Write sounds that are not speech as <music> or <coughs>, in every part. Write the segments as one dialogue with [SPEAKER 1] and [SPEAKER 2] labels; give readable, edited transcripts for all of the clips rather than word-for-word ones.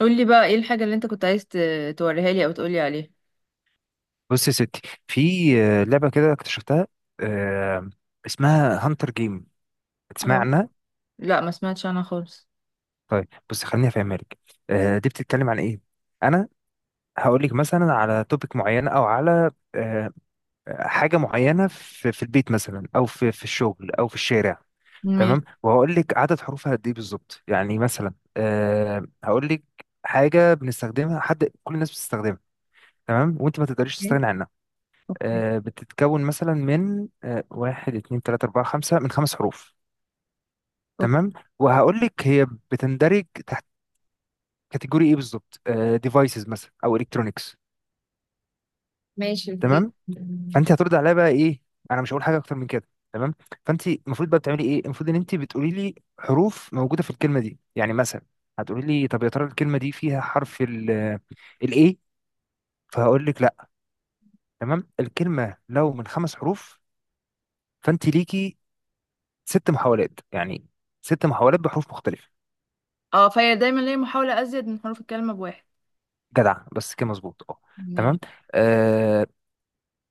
[SPEAKER 1] قولي بقى ايه الحاجة اللي انت كنت عايز توريها لي او تقولي عليها.
[SPEAKER 2] بص يا ستي. في لعبة كده اكتشفتها. آه، اسمها هانتر جيم، تسمع
[SPEAKER 1] اه،
[SPEAKER 2] عنها؟
[SPEAKER 1] لا ما سمعتش عنها خالص.
[SPEAKER 2] طيب بص خليني افهمها لك. دي بتتكلم عن ايه. انا هقول لك مثلا على توبيك معين او على حاجة معينة في البيت مثلا او في الشغل او في الشارع.
[SPEAKER 1] ماشي.
[SPEAKER 2] تمام، وهقول لك عدد حروفها قد ايه بالظبط، يعني مثلا هقول لك حاجة بنستخدمها، حد كل الناس بتستخدمها، تمام، وانت ما تقدريش تستغني عنها.
[SPEAKER 1] اوكي.
[SPEAKER 2] بتتكون مثلا من واحد اتنين تلاتة أربعة خمسة، من خمس حروف.
[SPEAKER 1] اوكي.
[SPEAKER 2] تمام، وهقول لك هي بتندرج تحت كاتيجوري ايه بالظبط، ديفايسز مثلا او الكترونكس.
[SPEAKER 1] ماشي. اوكي.
[SPEAKER 2] تمام، فانت هترد عليا بقى ايه، انا مش هقول حاجه اكتر من كده. تمام، فانت المفروض بقى بتعملي ايه، المفروض ان انت بتقولي لي حروف موجوده في الكلمه دي. يعني مثلا هتقولي لي طب يا ترى الكلمه دي فيها حرف ال الايه، فهقول لك لا. تمام، الكلمه لو من خمس حروف، فانت ليكي ست محاولات، يعني ست محاولات بحروف مختلفة.
[SPEAKER 1] اه، فهي دايما ليا محاولة ازيد من حروف الكلمة بواحد.
[SPEAKER 2] جدع، بس كده مظبوط اه.
[SPEAKER 1] ماشي.
[SPEAKER 2] تمام. آه.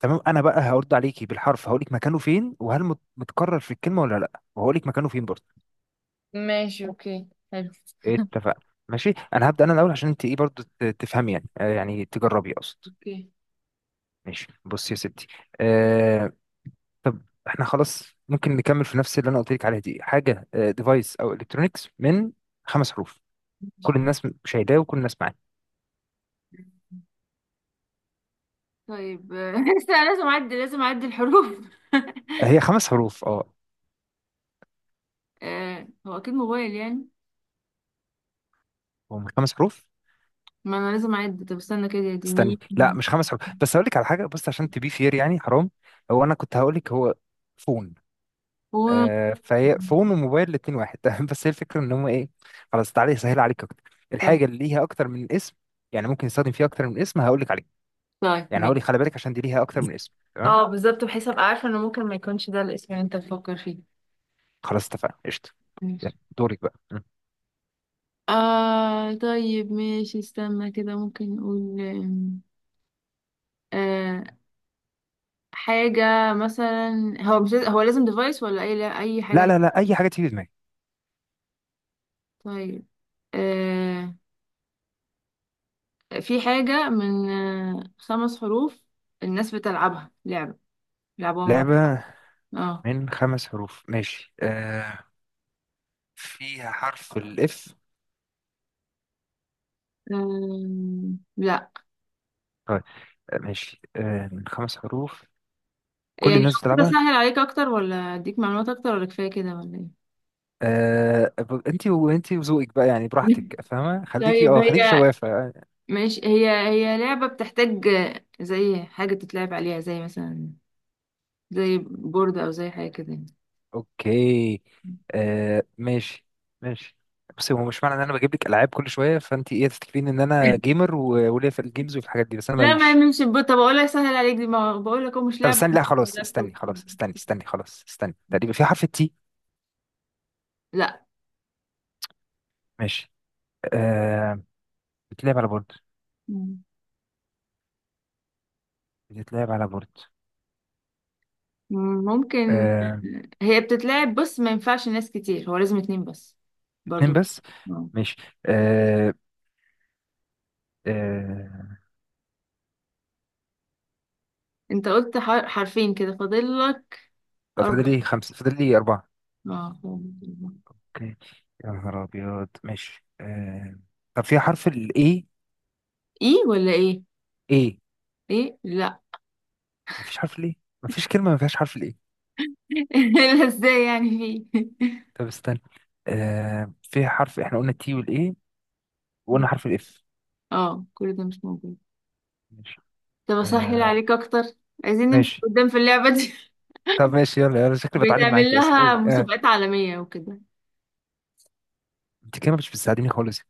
[SPEAKER 2] تمام، انا بقى هرد عليكي بالحرف، هقول لك مكانه فين، وهل متكرر في الكلمة ولا لا، وهقول لك مكانه فين برضه.
[SPEAKER 1] ماشي، اوكي، حلو.
[SPEAKER 2] اتفقنا. ماشي، انا هبدأ انا الاول عشان انت ايه برضه تفهمي يعني، آه يعني تجربي اقصد.
[SPEAKER 1] اوكي.
[SPEAKER 2] ماشي بصي يا ستي. آه، طب احنا خلاص ممكن نكمل في نفس اللي انا قلت لك عليها دي. حاجة ديفايس او الكترونكس، من خمس حروف، كل الناس شايلاه وكل الناس معاه.
[SPEAKER 1] طيب، <laughs> لسه لازم اعد الحروف <laughs>
[SPEAKER 2] هي خمس حروف اه.
[SPEAKER 1] هو اكيد موبايل يعني.
[SPEAKER 2] هم خمس حروف.
[SPEAKER 1] ما انا لازم اعد، طب استنى كده يا دي ميم.
[SPEAKER 2] استني لا، مش خمس حروف، بس هقول لك على حاجه، بص عشان تبي فير يعني، حرام. هو انا كنت هقول لك هو فون.
[SPEAKER 1] و.
[SPEAKER 2] آه، فهي فون وموبايل الاتنين واحد. <laughs> بس هي الفكره ان هم ايه، خلاص تعالى اسهل عليك اكتر،
[SPEAKER 1] طيب،
[SPEAKER 2] الحاجه اللي ليها اكتر من اسم، يعني ممكن يستخدم فيها اكتر من اسم، هقول لك عليه.
[SPEAKER 1] طيب،
[SPEAKER 2] يعني هقول
[SPEAKER 1] ماشي.
[SPEAKER 2] لك خلي بالك عشان دي ليها اكتر من اسم، تمام.
[SPEAKER 1] اه بالظبط، بحيث ابقى عارفه انه ممكن ما يكونش ده الاسم اللي انت بتفكر فيه.
[SPEAKER 2] خلاص اتفقنا، قشطه. يلا،
[SPEAKER 1] ماشي.
[SPEAKER 2] دورك بقى م.
[SPEAKER 1] طيب، ماشي، استنى كده، ممكن نقول آه حاجة مثلا. هو لازم ديفايس ولا أي، لا أي
[SPEAKER 2] لا
[SPEAKER 1] حاجة؟
[SPEAKER 2] لا لا، اي حاجه تيجي في دماغك.
[SPEAKER 1] طيب. آه في حاجة من خمس حروف، الناس بتلعبها لعبة، لعبوها مع بعض.
[SPEAKER 2] لعبه،
[SPEAKER 1] اه.
[SPEAKER 2] من خمس حروف، ماشي. آه، فيها حرف الاف.
[SPEAKER 1] لا.
[SPEAKER 2] طيب. ماشي، آه من خمس حروف، كل
[SPEAKER 1] يعني
[SPEAKER 2] الناس
[SPEAKER 1] لو كده
[SPEAKER 2] بتلعبها.
[SPEAKER 1] أسهل عليك أكتر، ولا أديك معلومات أكتر، ولا كفاية كده ولا إيه؟
[SPEAKER 2] آه، انتي انتي وذوقك بقى يعني،
[SPEAKER 1] <laughs>
[SPEAKER 2] براحتك، فاهمة، خليكي
[SPEAKER 1] طيب
[SPEAKER 2] اه، خليكي
[SPEAKER 1] هي،
[SPEAKER 2] شوافة.
[SPEAKER 1] ماشي، هي لعبة بتحتاج زي حاجة تتلعب عليها، زي مثلا، زي بورد، او زي حاجه كده يعني.
[SPEAKER 2] اوكي. آه ماشي. ماشي. بس هو مش معنى ان انا بجيب لك العاب كل شوية فانتي ايه تفتكرين ان انا جيمر وليا في الجيمز وفي الحاجات دي، بس انا
[SPEAKER 1] لا، ما
[SPEAKER 2] ماليش.
[SPEAKER 1] يعملش بورد. طب اقول لك، سهل عليك، دي ما بقول لك هو مش
[SPEAKER 2] طب
[SPEAKER 1] لعبه.
[SPEAKER 2] استني، لا خلاص استني،
[SPEAKER 1] لابتوب.
[SPEAKER 2] خلاص استني استني خلاص استني، تقريبا في حرف التي.
[SPEAKER 1] لا.
[SPEAKER 2] ماشي. آه، بتلعب على بورد.
[SPEAKER 1] مم.
[SPEAKER 2] بتلعب على بورد.
[SPEAKER 1] ممكن.
[SPEAKER 2] آه.
[SPEAKER 1] هي بتتلعب، بص ما ينفعش ناس كتير، هو لازم اتنين بس،
[SPEAKER 2] اتنين
[SPEAKER 1] برضو.
[SPEAKER 2] بس.
[SPEAKER 1] اه.
[SPEAKER 2] ماشي. آه. آه،
[SPEAKER 1] انت قلت حرفين، كده فاضل لك
[SPEAKER 2] طب
[SPEAKER 1] اربع.
[SPEAKER 2] فاضل لي خمسة، فاضل لي أربعة.
[SPEAKER 1] اه.
[SPEAKER 2] اوكي. يا نهار ابيض ماشي آه... طب في حرف الاي.
[SPEAKER 1] ايه ولا ايه؟
[SPEAKER 2] ايه،
[SPEAKER 1] ايه، لا.
[SPEAKER 2] مفيش حرف الاي؟ مفيش كلمه ما فيهاش حرف الاي.
[SPEAKER 1] <laughs> لا، ازاي يعني؟ في.
[SPEAKER 2] طب استنى، آه... في حرف، احنا قلنا التي والاي، وقلنا
[SPEAKER 1] <laughs>
[SPEAKER 2] حرف الاف.
[SPEAKER 1] اه، كل ده مش موجود.
[SPEAKER 2] ماشي.
[SPEAKER 1] طب اسهل
[SPEAKER 2] آه...
[SPEAKER 1] عليك اكتر، عايزين نمشي
[SPEAKER 2] ماشي.
[SPEAKER 1] قدام في اللعبة دي؟
[SPEAKER 2] طب ماشي، يلا يلا، شكلي بتعلم
[SPEAKER 1] بيتعمل
[SPEAKER 2] معاكي اصلا،
[SPEAKER 1] لها
[SPEAKER 2] قول آه.
[SPEAKER 1] مسابقات عالمية وكده.
[SPEAKER 2] انت كده مش بتساعديني خالص.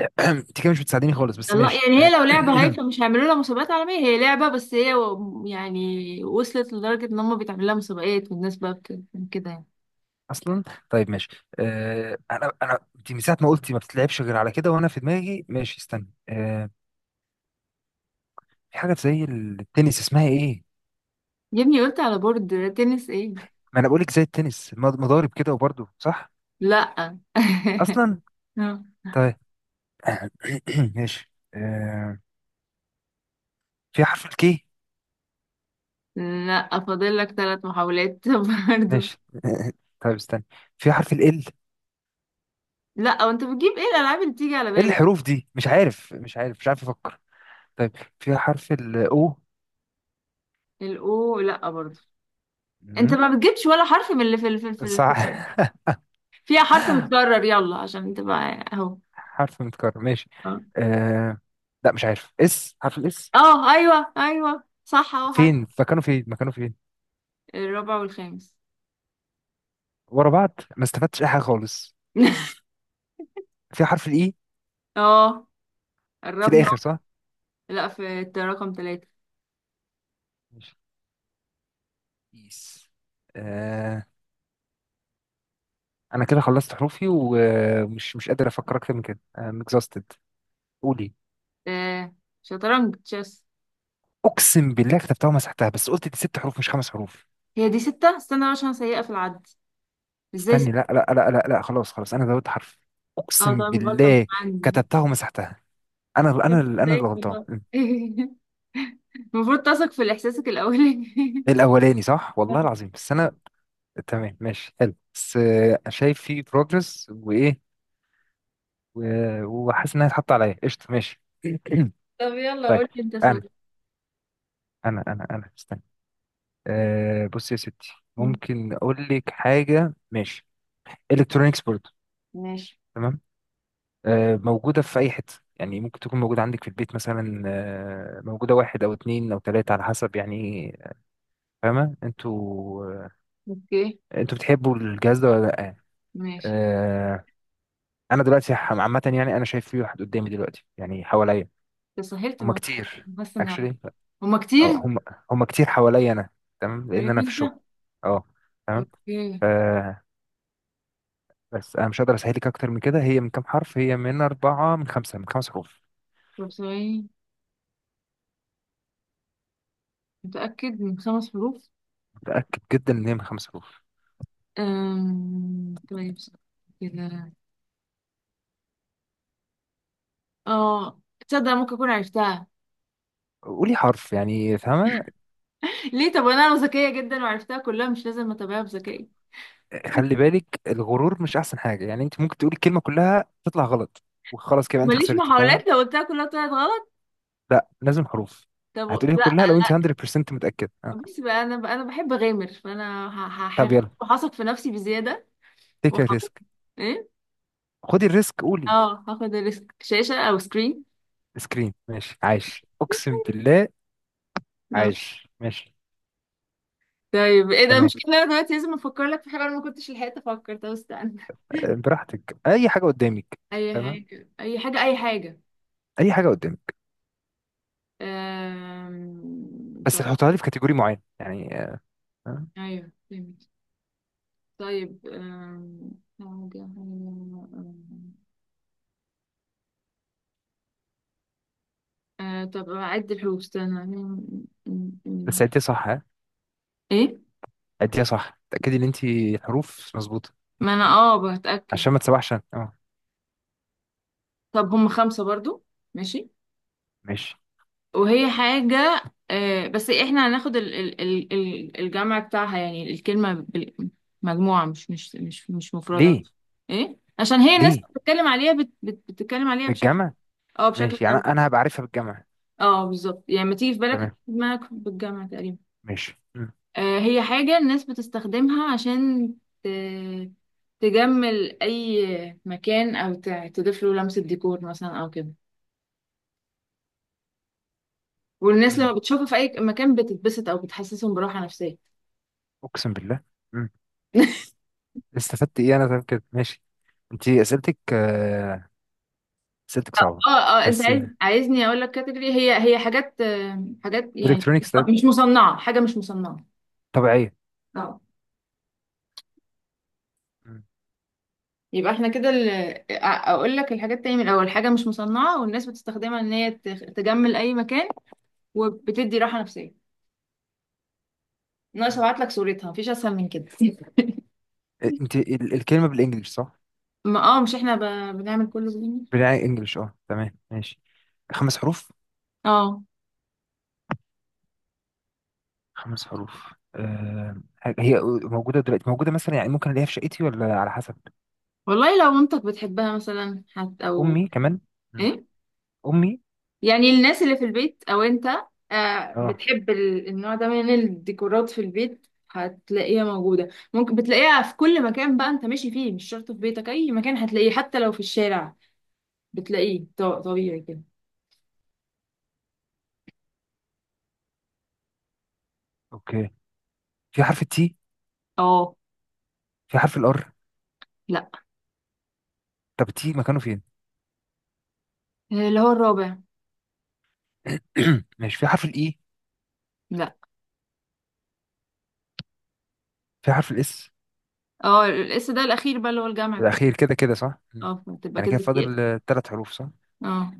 [SPEAKER 2] <clears throat> انت كده مش بتساعديني خالص، بس
[SPEAKER 1] الله،
[SPEAKER 2] ماشي.
[SPEAKER 1] يعني هي لو لعبة هايفة مش هيعملوا لها مسابقات عالمية. هي لعبة بس هي يعني وصلت لدرجة ان هم بيتعمل لها مسابقات، والناس بقى كده يعني.
[SPEAKER 2] <clears throat> اصلا. طيب ماشي آه... انا انت من ساعه ما قلتي ما بتتلعبش غير على كده، وانا في دماغي ماشي، استنى آه... في حاجه زي التنس، اسمها ايه؟
[SPEAKER 1] يا ابني قلت على بورد، تنس ايه؟
[SPEAKER 2] ما انا بقولك زي التنس، مضارب كده وبرضه صح.
[SPEAKER 1] لا. <laughs>
[SPEAKER 2] اصلا. طيب. <coughs> <clears throat> ماشي آه... في حرف الكي.
[SPEAKER 1] لا، فاضل لك ثلاث محاولات <laughs> برضه.
[SPEAKER 2] ماشي. <coughs> <laughs> طيب استنى، في حرف ال.
[SPEAKER 1] لا، وانت بتجيب ايه الالعاب اللي تيجي على
[SPEAKER 2] ايه
[SPEAKER 1] بالك؟
[SPEAKER 2] الحروف دي، مش عارف مش عارف مش عارف افكر. طيب، في حرف ال او.
[SPEAKER 1] الاو، لا برضه. انت
[SPEAKER 2] مم،
[SPEAKER 1] ما بتجيبش ولا حرف من اللي في
[SPEAKER 2] صح.
[SPEAKER 1] ال- فيها حرف متكرر، يلا عشان تبقى اهو.
[SPEAKER 2] <laughs> حرف متكرر، ماشي. آه... لا مش عارف، اس، حرف الاس.
[SPEAKER 1] اه، ايوه، ايوه، صح، اه، حرف
[SPEAKER 2] فين مكانه فين مكانه فين.
[SPEAKER 1] الرابع والخامس.
[SPEAKER 2] ورا بعض، ما استفدتش اي حاجه خالص.
[SPEAKER 1] <laughs>
[SPEAKER 2] في حرف الاي.
[SPEAKER 1] اه،
[SPEAKER 2] في
[SPEAKER 1] قربنا.
[SPEAKER 2] الاخر صح.
[SPEAKER 1] لا، رقم ثلاثة.
[SPEAKER 2] ماشي. إيس. انا كده خلصت حروفي، ومش مش قادر افكر اكتر من كده. I'm exhausted. قولي.
[SPEAKER 1] آه، شطرنج، تشيس.
[SPEAKER 2] اقسم بالله كتبتها ومسحتها، بس قلت دي ست حروف مش خمس حروف.
[SPEAKER 1] هي دي ستة، استنى بقى عشان سيئة في العد. ازاي
[SPEAKER 2] استني
[SPEAKER 1] ستة؟
[SPEAKER 2] لا لا لا لا لا، خلاص خلاص انا زودت حرف،
[SPEAKER 1] اه
[SPEAKER 2] اقسم
[SPEAKER 1] طب غلطة مش
[SPEAKER 2] بالله
[SPEAKER 1] عندي.
[SPEAKER 2] كتبتها ومسحتها. انا
[SPEAKER 1] <laughs> مش
[SPEAKER 2] انا انا اللي
[SPEAKER 1] مصدقك
[SPEAKER 2] غلطان
[SPEAKER 1] والله.
[SPEAKER 2] م.
[SPEAKER 1] <laughs> المفروض تثق في احساسك الاولي <laughs>
[SPEAKER 2] الاولاني صح، والله العظيم، بس انا تمام ماشي حلو، بس شايف في بروجرس وايه، وحاسس انها اتحط عليا، قشطه ماشي. <clears throat>
[SPEAKER 1] طب يلا
[SPEAKER 2] طيب،
[SPEAKER 1] قول لي انت سؤال.
[SPEAKER 2] انا انا استني. آه، بص يا ستي
[SPEAKER 1] مم.
[SPEAKER 2] ممكن اقول لك حاجه، ماشي. الكترونيكس برضه.
[SPEAKER 1] ماشي.
[SPEAKER 2] تمام. آه موجوده في اي حته، يعني ممكن تكون موجوده عندك في البيت مثلا، آه موجوده واحد او اتنين او تلاته على حسب، يعني فاهمه انتوا. آه،
[SPEAKER 1] اوكي.
[SPEAKER 2] انتوا بتحبوا الجهاز ده ولا لا؟
[SPEAKER 1] ماشي.
[SPEAKER 2] آه، انا دلوقتي عامه يعني، انا شايف في واحد قدامي دلوقتي، يعني حواليا
[SPEAKER 1] تسهلت
[SPEAKER 2] هما
[SPEAKER 1] الموضوع.
[SPEAKER 2] كتير.
[SPEAKER 1] بس نعلم.
[SPEAKER 2] اكشلي
[SPEAKER 1] هما
[SPEAKER 2] او
[SPEAKER 1] كتير.
[SPEAKER 2] هم هما، هما كتير حواليا انا. تمام، لان
[SPEAKER 1] عليك
[SPEAKER 2] انا في الشغل
[SPEAKER 1] انت.
[SPEAKER 2] اه. تمام.
[SPEAKER 1] اوكي.
[SPEAKER 2] آه، بس انا مش هقدر اسهل لك اكتر من كده. هي من كام حرف، هي من اربعه من خمسه، من خمس حروف.
[SPEAKER 1] طب ثواني. متأكد من خمس حروف؟
[SPEAKER 2] متاكد جدا ان هي من خمس حروف.
[SPEAKER 1] طيب، كده، اه، تصدق ممكن أكون عرفتها.
[SPEAKER 2] قولي حرف يعني، فاهمه.
[SPEAKER 1] ليه؟ طب أنا ذكية جدا وعرفتها كلها، مش لازم أتابعها بذكائي.
[SPEAKER 2] خلي بالك، الغرور مش احسن حاجه، يعني انت ممكن تقولي الكلمه كلها تطلع غلط، وخلاص كده انت
[SPEAKER 1] ماليش
[SPEAKER 2] خسرتي،
[SPEAKER 1] محاولات
[SPEAKER 2] فاهمه.
[SPEAKER 1] لو قلتها كلها طلعت غلط.
[SPEAKER 2] لا، لازم حروف.
[SPEAKER 1] طب،
[SPEAKER 2] هتقوليها
[SPEAKER 1] لا،
[SPEAKER 2] كلها لو انت
[SPEAKER 1] لا.
[SPEAKER 2] 100% متاكد آه.
[SPEAKER 1] بس بقى أنا، بقى أنا بحب أغامر، فأنا
[SPEAKER 2] طب
[SPEAKER 1] هغامر
[SPEAKER 2] يلا،
[SPEAKER 1] وهثق في نفسي بزيادة.
[SPEAKER 2] تيك
[SPEAKER 1] وهقول
[SPEAKER 2] ريسك.
[SPEAKER 1] إيه.
[SPEAKER 2] خدي الريسك، قولي.
[SPEAKER 1] اه، هاخد الريسك. شاشة أو سكرين.
[SPEAKER 2] سكرين، ماشي، عايش اقسم بالله،
[SPEAKER 1] اه
[SPEAKER 2] عايش ماشي.
[SPEAKER 1] طيب. ايه ده.
[SPEAKER 2] تمام.
[SPEAKER 1] المشكلة إن انا دلوقتي لازم افكر لك في حاجة، انا ما كنتش لحقت افكر. طب استنى.
[SPEAKER 2] براحتك، اي حاجه قدامك.
[SPEAKER 1] اي
[SPEAKER 2] تمام،
[SPEAKER 1] حاجة، اي حاجة، اي حاجة.
[SPEAKER 2] اي حاجه قدامك. بس
[SPEAKER 1] طب.
[SPEAKER 2] هتحطها لي في كاتيجوري معين يعني، آه.
[SPEAKER 1] أيوه، فهمت. طيب حاجة حاجة طب أعد الحروف استنى أم، أم،
[SPEAKER 2] بس
[SPEAKER 1] أم.
[SPEAKER 2] عديها صح ها.
[SPEAKER 1] إيه؟
[SPEAKER 2] عديها صح، تأكدي ان انت الحروف مظبوطه
[SPEAKER 1] ما أنا بتأكد.
[SPEAKER 2] عشان ما تسوحش أنا. اه
[SPEAKER 1] طب هم خمسة برضو. ماشي.
[SPEAKER 2] ماشي.
[SPEAKER 1] وهي حاجة. بس إحنا هناخد الجمع بتاعها، يعني الكلمة مجموعة، مش مفردة.
[SPEAKER 2] ليه؟
[SPEAKER 1] إيه؟ عشان هي الناس
[SPEAKER 2] ليه
[SPEAKER 1] بتتكلم عليها بتتكلم عليها بشكل.
[SPEAKER 2] بالجمع؟
[SPEAKER 1] اه، بشكل
[SPEAKER 2] ماشي، يعني
[SPEAKER 1] جمع.
[SPEAKER 2] انا هبقى عارفها بالجمع.
[SPEAKER 1] اه، بالظبط. يعني ما تيجي في بالك، هتيجي
[SPEAKER 2] تمام
[SPEAKER 1] في دماغك بالجامعة تقريبا.
[SPEAKER 2] ماشي. مم.
[SPEAKER 1] هي حاجة الناس بتستخدمها عشان ت... تجمل أي مكان، أو تضيف له لمسة ديكور مثلا أو كده. والناس لما
[SPEAKER 2] مم.
[SPEAKER 1] بتشوفها في أي مكان بتتبسط أو بتحسسهم براحة نفسية.
[SPEAKER 2] اقسم بالله. مم.
[SPEAKER 1] <laughs>
[SPEAKER 2] استفدت ايه انا، طيب كده ماشي. انت اسئلتك اسئلتك صعبه.
[SPEAKER 1] اه، اه، انت
[SPEAKER 2] بس
[SPEAKER 1] عايزني اقول لك كاتيجوري. هي، هي حاجات حاجات يعني.
[SPEAKER 2] الكترونيكس، طيب.
[SPEAKER 1] مش مصنعه، حاجه مش مصنعه.
[SPEAKER 2] طبيعيه.
[SPEAKER 1] اه.
[SPEAKER 2] مم.
[SPEAKER 1] يبقى احنا كده، اقول لك الحاجات تاني من الاول. حاجه مش مصنعه والناس بتستخدمها ان هي تجمل اي مكان وبتدي راحة نفسية. ناقص
[SPEAKER 2] مم.
[SPEAKER 1] ابعت لك صورتها، مفيش اسهل من كده.
[SPEAKER 2] انت الكلمه بالانجلش صح؟
[SPEAKER 1] ما مش احنا بنعمل كله بالانجلش.
[SPEAKER 2] بالانجلش اه، تمام ماشي. خمس حروف.
[SPEAKER 1] اه،
[SPEAKER 2] خمس حروف، أه. هي موجودة دلوقتي، موجودة مثلا يعني ممكن ألاقيها في شقتي ولا على حسب.
[SPEAKER 1] والله لو مامتك بتحبها مثلا، حت او.
[SPEAKER 2] أمي كمان. مم.
[SPEAKER 1] ايه.
[SPEAKER 2] أمي.
[SPEAKER 1] يعني الناس اللي في البيت او انت
[SPEAKER 2] أه.
[SPEAKER 1] بتحب النوع ده من الديكورات في البيت، هتلاقيها موجودة. ممكن بتلاقيها في كل مكان بقى انت ماشي فيه، مش شرط في بيتك، اي مكان هتلاقيه، حتى لو في الشارع بتلاقيه طبيعي كده.
[SPEAKER 2] أوكي، في حرف التي.
[SPEAKER 1] اه.
[SPEAKER 2] في حرف الآر.
[SPEAKER 1] لا.
[SPEAKER 2] طب التي مكانه فين؟
[SPEAKER 1] اللي هو الرابع.
[SPEAKER 2] <clears throat> ماشي، في حرف الإي.
[SPEAKER 1] لا.
[SPEAKER 2] في حرف الإس.
[SPEAKER 1] اه، لسه ده الاخير بقى، اللي هو الجامع بتاعي.
[SPEAKER 2] الأخير، كده كده صح. مم.
[SPEAKER 1] اه، بتبقى
[SPEAKER 2] يعني
[SPEAKER 1] كده.
[SPEAKER 2] كده فاضل ثلاث حروف صح؟
[SPEAKER 1] اه.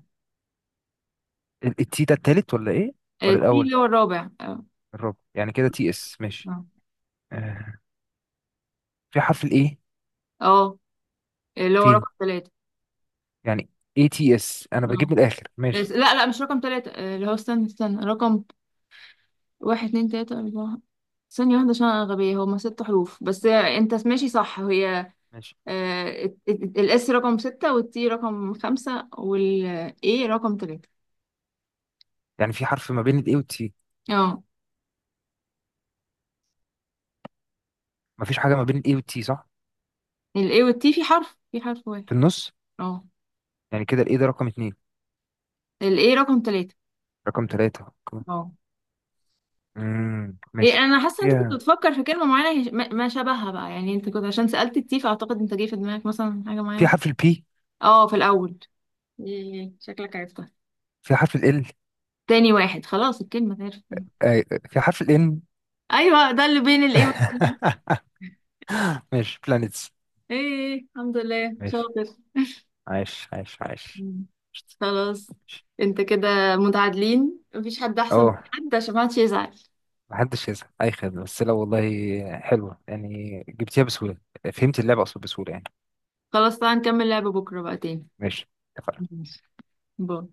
[SPEAKER 2] التي ده التالت ولا إيه؟ ولا
[SPEAKER 1] تي
[SPEAKER 2] الأول؟
[SPEAKER 1] اللي هو الرابع، اه.
[SPEAKER 2] الرابع، يعني كده تي إس، ماشي.
[SPEAKER 1] اه.
[SPEAKER 2] أه. في حرف الإيه.
[SPEAKER 1] آه، اللي هو
[SPEAKER 2] فين،
[SPEAKER 1] رقم ثلاثة.
[SPEAKER 2] يعني، اي تي اس، انا بجيب
[SPEAKER 1] اه،
[SPEAKER 2] من الاخر ماشي.
[SPEAKER 1] لا، لا، مش رقم ثلاثة، اللي هو استنى استنى، رقم واحد اتنين تلاتة أربعة. ثانية واحدة عشان أنا غبية، هما ست حروف بس. أنت ماشي صح. هي
[SPEAKER 2] ماشي،
[SPEAKER 1] الإس رقم ستة، والتي رقم خمسة، والإيه رقم ثلاثة.
[SPEAKER 2] يعني في حرف ما بين الاي والتي.
[SPEAKER 1] اه،
[SPEAKER 2] مفيش حاجة ما بين الاي والتي صح؟
[SPEAKER 1] الإيه والتي في حرف واحد.
[SPEAKER 2] في النص.
[SPEAKER 1] اه.
[SPEAKER 2] يعني كده الاي ده رقم اتنين.
[SPEAKER 1] الإيه رقم ثلاثة.
[SPEAKER 2] رقم تلاتة. رقم- امم،
[SPEAKER 1] هي
[SPEAKER 2] ماشي.
[SPEAKER 1] انا حاسه انت كنت
[SPEAKER 2] فيها.
[SPEAKER 1] بتفكر في كلمه معينه. ما شبهها بقى، يعني انت كنت، عشان سالت التي، فاعتقد انت جه في دماغك مثلا حاجه
[SPEAKER 2] في
[SPEAKER 1] معينه.
[SPEAKER 2] حرف البي.
[SPEAKER 1] اه، في الاول. إيه، شكلك عرفتها.
[SPEAKER 2] في حرف ال.
[SPEAKER 1] تاني واحد خلاص، الكلمه اتعرفت تاني.
[SPEAKER 2] في حرف الان.
[SPEAKER 1] ايوه، ده اللي بين الايه والسين.
[SPEAKER 2] <laughs> ماشي، بلانيتس.
[SPEAKER 1] ايه، الحمد لله،
[SPEAKER 2] ماشي.
[SPEAKER 1] شاطر.
[SPEAKER 2] عايش عايش عايش.
[SPEAKER 1] مم. خلاص. انت كده متعادلين، مفيش حد احسن من
[SPEAKER 2] اه،
[SPEAKER 1] حد، عشان ما حدش يزعل.
[SPEAKER 2] محدش يزعل، اي خدمة، بس لا والله حلوة يعني، جبتيها بسهولة. فهمت اللعبة اقصد بسهولة يعني.
[SPEAKER 1] خلاص تعالى نكمل لعبه بكره بقى تاني.
[SPEAKER 2] ماشي، اتفقنا.
[SPEAKER 1] ماشي. باي.